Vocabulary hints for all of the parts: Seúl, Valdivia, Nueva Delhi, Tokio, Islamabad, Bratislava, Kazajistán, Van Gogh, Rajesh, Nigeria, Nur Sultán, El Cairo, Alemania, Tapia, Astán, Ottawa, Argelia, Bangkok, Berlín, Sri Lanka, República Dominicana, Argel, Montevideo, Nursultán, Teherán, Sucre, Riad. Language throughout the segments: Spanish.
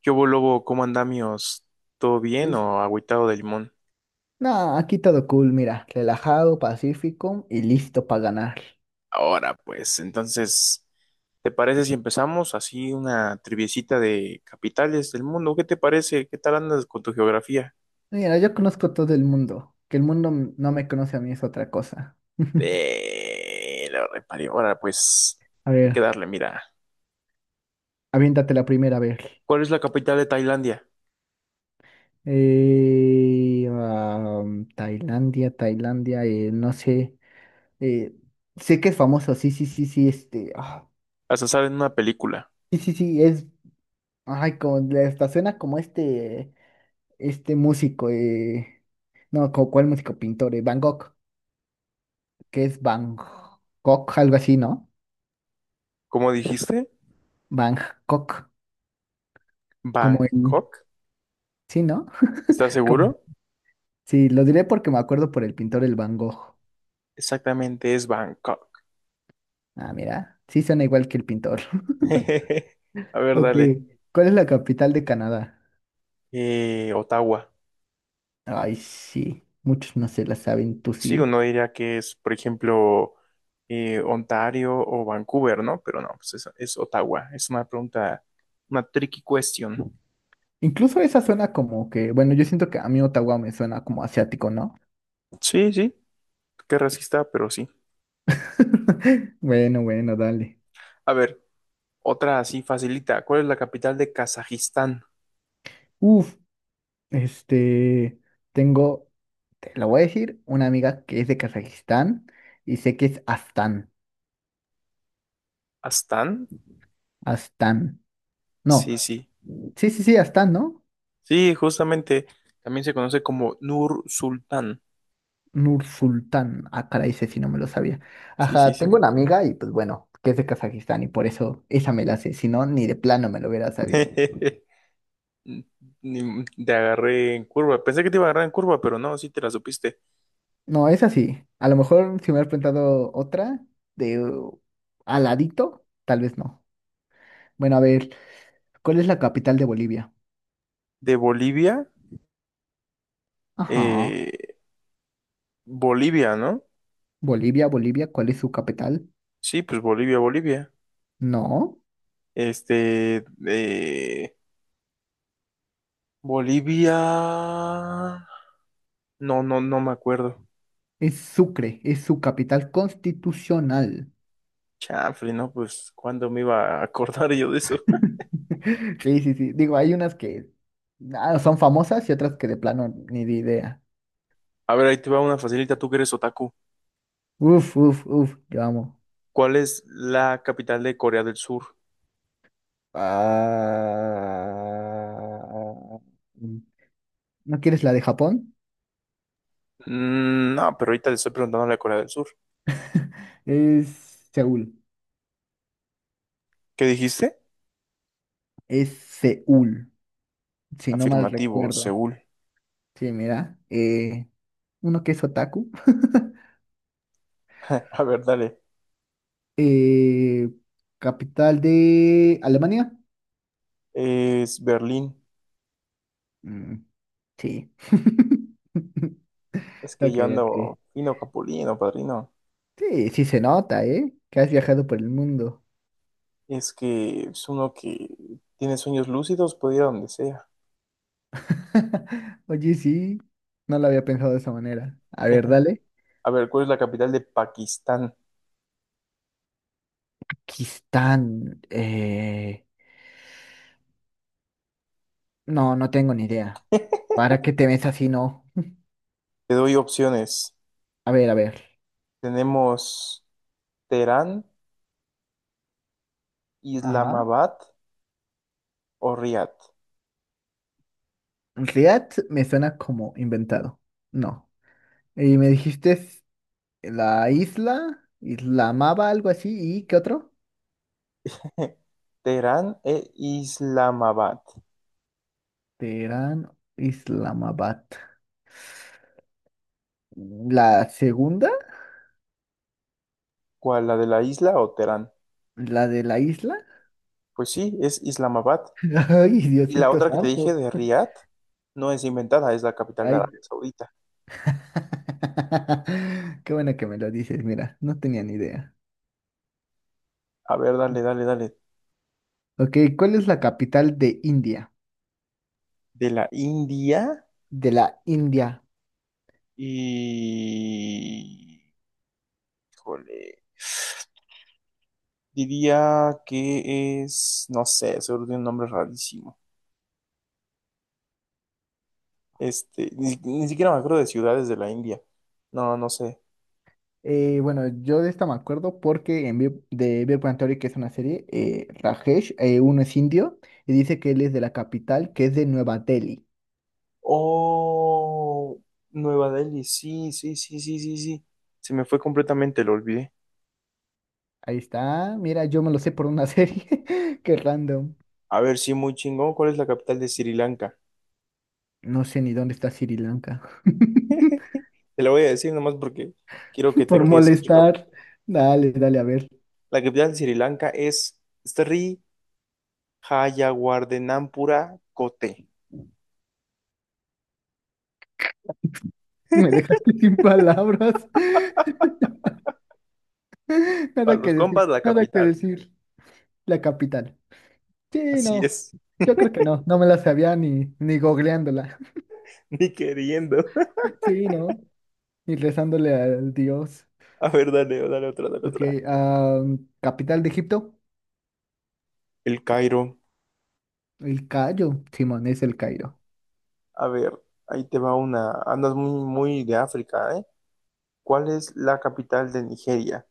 ¿Qué hubo, lobo? ¿Cómo andamios? ¿Todo bien Pues, o agüitado de limón? no, aquí todo cool, mira, relajado, pacífico y listo para ganar. Ahora, pues, entonces, ¿te parece si empezamos así una triviecita de capitales del mundo? ¿Qué te parece? ¿Qué tal andas con tu geografía? Mira, yo conozco todo el mundo, que el mundo no me conoce a mí es otra cosa. Lo reparé. Ahora, pues, A hay ver, que darle, mira. aviéntate la primera vez. ¿Cuál es la capital de Tailandia? Tailandia, no sé, eh, sé que es famoso, sí, sí, sí, sí, este, ah, Hasta sale en una película. sí, sí, sí, es, ay, como, hasta suena como este músico, no, como cuál músico, pintor, Van Gogh. Que es Bangkok, algo así, ¿no? ¿Cómo dijiste? Bangkok, como en... ¿Bangkok? Sí, ¿no? ¿Estás Como... seguro? Sí, lo diré porque me acuerdo por el pintor el Van Gogh. Exactamente, es Bangkok. Ah, mira, sí suena igual que el pintor. A ver, Ok, dale. ¿cuál es la capital de Canadá? Ottawa. Ay, sí, muchos no se la saben, tú Sí, sí. uno diría que es, por ejemplo, Ontario o Vancouver, ¿no? Pero no, pues es Ottawa. Es una pregunta, una tricky question. Incluso esa suena como que, bueno, yo siento que a mí Ottawa me suena como asiático, ¿no? Sí, sí, qué racista, pero sí. Bueno, bueno, dale. A ver, otra así facilita. ¿Cuál es la capital de Kazajistán? Uf, este, tengo. Te lo voy a decir, una amiga que es de Kazajistán y sé que es Astán. ¿Astán? Astán. No, Sí, sí. sí, sí, sí, Astán, ¿no? Sí, justamente también se conoce como Nur Sultán. Nursultán. Ah, caray, ese sí no me lo sabía. Sí, sí, Ajá, sí. tengo una amiga y pues bueno, que es de Kazajistán y por eso esa me la sé. Si no, ni de plano me lo hubiera sabido. Ni- Te agarré en curva. Pensé que te iba a agarrar en curva, pero no, sí te la supiste. No, es así. A lo mejor si me hubieras preguntado otra de aladito, tal vez no. Bueno, a ver, ¿cuál es la capital de Bolivia? De Bolivia, Ajá. eh, Bolivia, ¿no? Bolivia, ¿cuál es su capital? Sí, pues Bolivia. No. Este, eh, Bolivia. No me acuerdo. Es Sucre, es su capital constitucional. Chanfle, ¿no? Pues, ¿cuándo me iba a acordar yo de eso? Sí, sí, sí. Digo, hay unas que ah, son famosas y otras que de plano ni de idea. A ver, ahí te va una facilita, tú que eres otaku. Uf, uf, uf, yo amo. ¿Cuál es la capital de Corea del Sur? Ah, ¿no quieres la de Japón? Mm, no, pero ahorita le estoy preguntando a la Corea del Sur. Es Seúl. ¿Qué dijiste? Es Seúl, si no mal Afirmativo, recuerdo. Seúl. Sí, mira. Uno que es otaku. A ver, dale. Eh, capital de Alemania. Es Berlín. Mm, sí. Es que Ok, yo ando ok. fino capulino, padrino. Sí, sí se nota, ¿eh? Que has viajado por el mundo. Es que es uno que tiene sueños lúcidos, puede ir a donde sea. Oye, sí, no lo había pensado de esa manera. A ver, dale. A ver, ¿cuál es la capital de Pakistán? Kistán, no, no tengo ni idea. ¿Para qué te ves así, no? Te doy opciones. A ver, a ver. Tenemos Teherán, Ajá. Islamabad o Riad. Riad me suena como inventado. No. Y me dijiste es la isla, Islamaba, algo así. ¿Y qué otro? Teherán e Islamabad. Teherán, Islamabad. La segunda, ¿Cuál, la de la isla o Teherán? la de la isla. Pues sí, es Islamabad. Ay, Y la Diosito otra que te dije santo. de Riad no es inventada, es la capital de Ay. Arabia Saudita. Qué bueno que me lo dices, mira, no tenía ni idea. A ver, dale, dale, dale. Ok, ¿cuál es la capital de India? De la India De la India. y... Híjole. Diría que es, no sé, seguro tiene un nombre rarísimo. Ni siquiera me acuerdo de ciudades de la India. No, no sé. Bueno, yo de esta me acuerdo porque en Big- de Big Bang Theory, que es una serie, Rajesh, uno es indio y dice que él es de la capital, que es de Nueva Delhi. Oh, Nueva Delhi, sí, sí, sí, sí, sí, sí. Se me fue completamente, lo olvidé. Ahí está, mira, yo me lo sé por una serie. Qué random. A ver, sí, muy chingón. ¿Cuál es la capital de Sri Lanka? No sé ni dónde está Sri Lanka. Te la voy a decir nomás porque quiero que te Por quedes en shock. molestar. Dale, dale, a ver. La capital de Sri Lanka es Sri Hayawardenapura Kotte. Me dejaste sin palabras. Para Nada los que decir, compas, la nada que capital. decir. La capital. Sí, Así no. es. Yo creo que no. No me la sabía ni googleándola. Ni queriendo. Sí, no. Ni rezándole al dios. A ver, dale, dale otra, dale Ok. otra. Capital de Egipto. El Cairo. El Cairo. Simón, es el Cairo. A ver, ahí te va una. Andas muy, muy de África, ¿eh? ¿Cuál es la capital de Nigeria?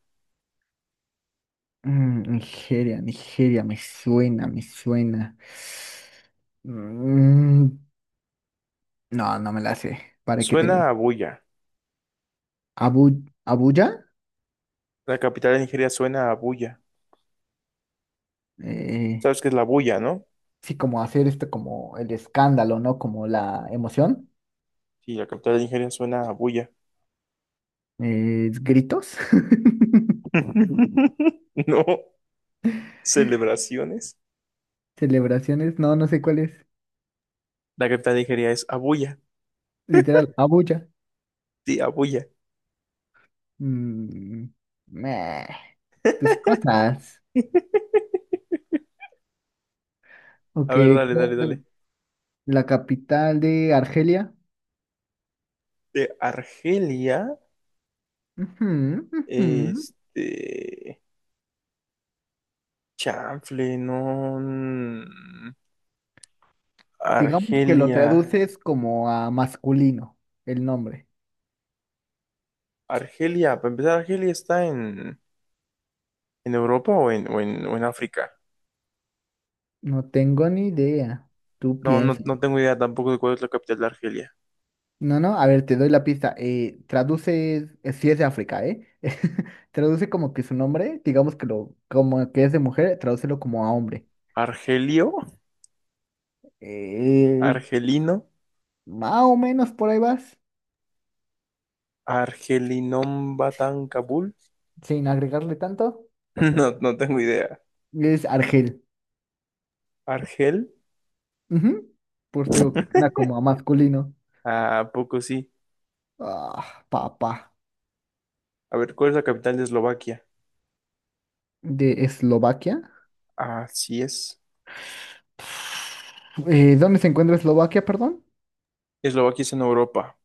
Mm, Nigeria. Me suena, me suena. Mm, no, no me la sé. ¿Para qué te Suena miento? a Buya. Abuya, La capital de Nigeria suena a Buya. eh, ¿Sabes qué es la Buya, no? sí, como hacer esto, como el escándalo, ¿no? Como la emoción, Sí, la capital de Nigeria suena a Buya. Gritos, No, celebraciones. celebraciones, no, no sé cuál es. La capital de Nigeria es Abuya. Literal, Abuya. Sí, Abuya. Mm, meh, tus cosas. A Ok, ver, dale, ¿cuál dale, es dale. la capital de Argelia? De Argelia, Ujú, ujú. este. Chanfle, no. Digamos que lo Argelia. traduces como a masculino, el nombre. Argelia, para empezar, ¿Argelia está en Europa o en África? No tengo ni idea. Tú piensas. No tengo idea tampoco de cuál es la capital de Argelia. No, no, a ver, te doy la pista. Traduce, si es de África, ¿eh? Traduce como que su nombre, digamos que lo, como que es de mujer, tradúcelo como a hombre. ¿Argelio? Eh, ¿Argelino? más o menos por ahí vas, ¿Argelinom Batán Kabul? sin agregarle tanto. No, no tengo idea. Es Argel. ¿Argel? Ujú. Pues te digo que suena como a masculino. ¿A poco sí? Ah, papá. A ver, ¿cuál es la capital de Eslovaquia? De Eslovaquia. Así es. ¿Dónde se encuentra Eslovaquia, perdón? Eslovaquia es en Europa.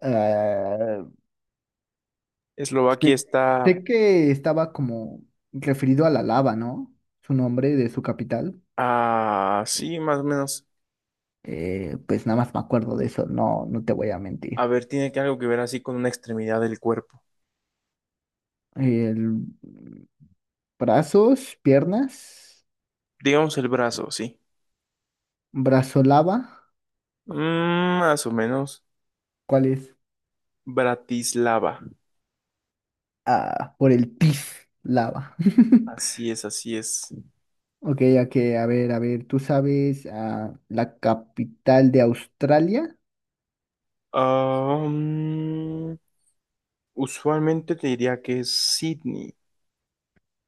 Eh, Sé, Eslovaquia está. sé que estaba como referido a la lava, ¿no? Su nombre de su capital. Ah, sí, más o menos. Pues nada más me acuerdo de eso, no, no te voy a A mentir. ver, tiene que algo que ver así con una extremidad del cuerpo. El- brazos, piernas, Digamos el brazo, sí. brazo lava. Mm, más o menos. ¿Cuál es? Bratislava. Ah, por el pis lava. Así es, así es. Ok, ok, a ver, ¿tú sabes la capital de Australia? Ah, mm, usualmente te diría que es Sydney,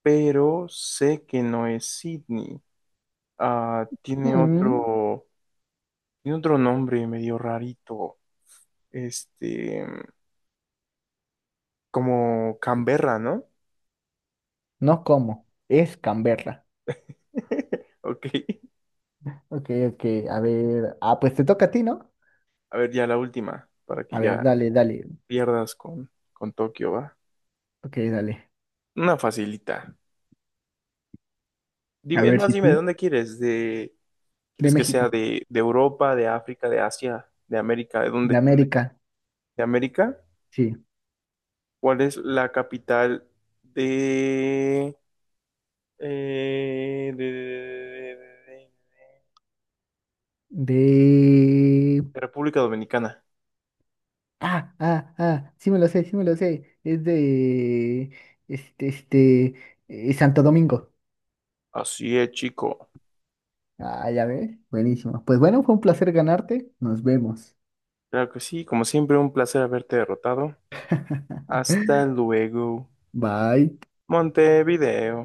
pero sé que no es Sydney. Ah, tiene Mm, tiene otro nombre medio rarito. Este, como Canberra, ¿no? no, ¿cómo? Es Canberra. Ok. Ok, ok, a ver. Ah, pues te toca a ti, ¿no? A ver, ya la última, para que A ver, ya dale, dale. pierdas con Tokio, ¿va? Ok, dale. Una facilita. A Dime, es ver más, si dime, ¿de sí. dónde quieres? De ¿quieres que sea México. De Europa, de África, de Asia, de América? ¿De De dónde? América. ¿De América? Sí. ¿Cuál es la capital de, eh, de, de- de- de- de- De. de República Dominicana? Ah, ah, ah. Sí me lo sé, sí me lo sé. Es de. este. Santo Domingo. Así es, chico. Ah, ya ves. Buenísimo. Pues bueno, fue un placer ganarte. Nos vemos. Claro que sí, como siempre, un placer haberte derrotado. Hasta luego, Bye. Montevideo.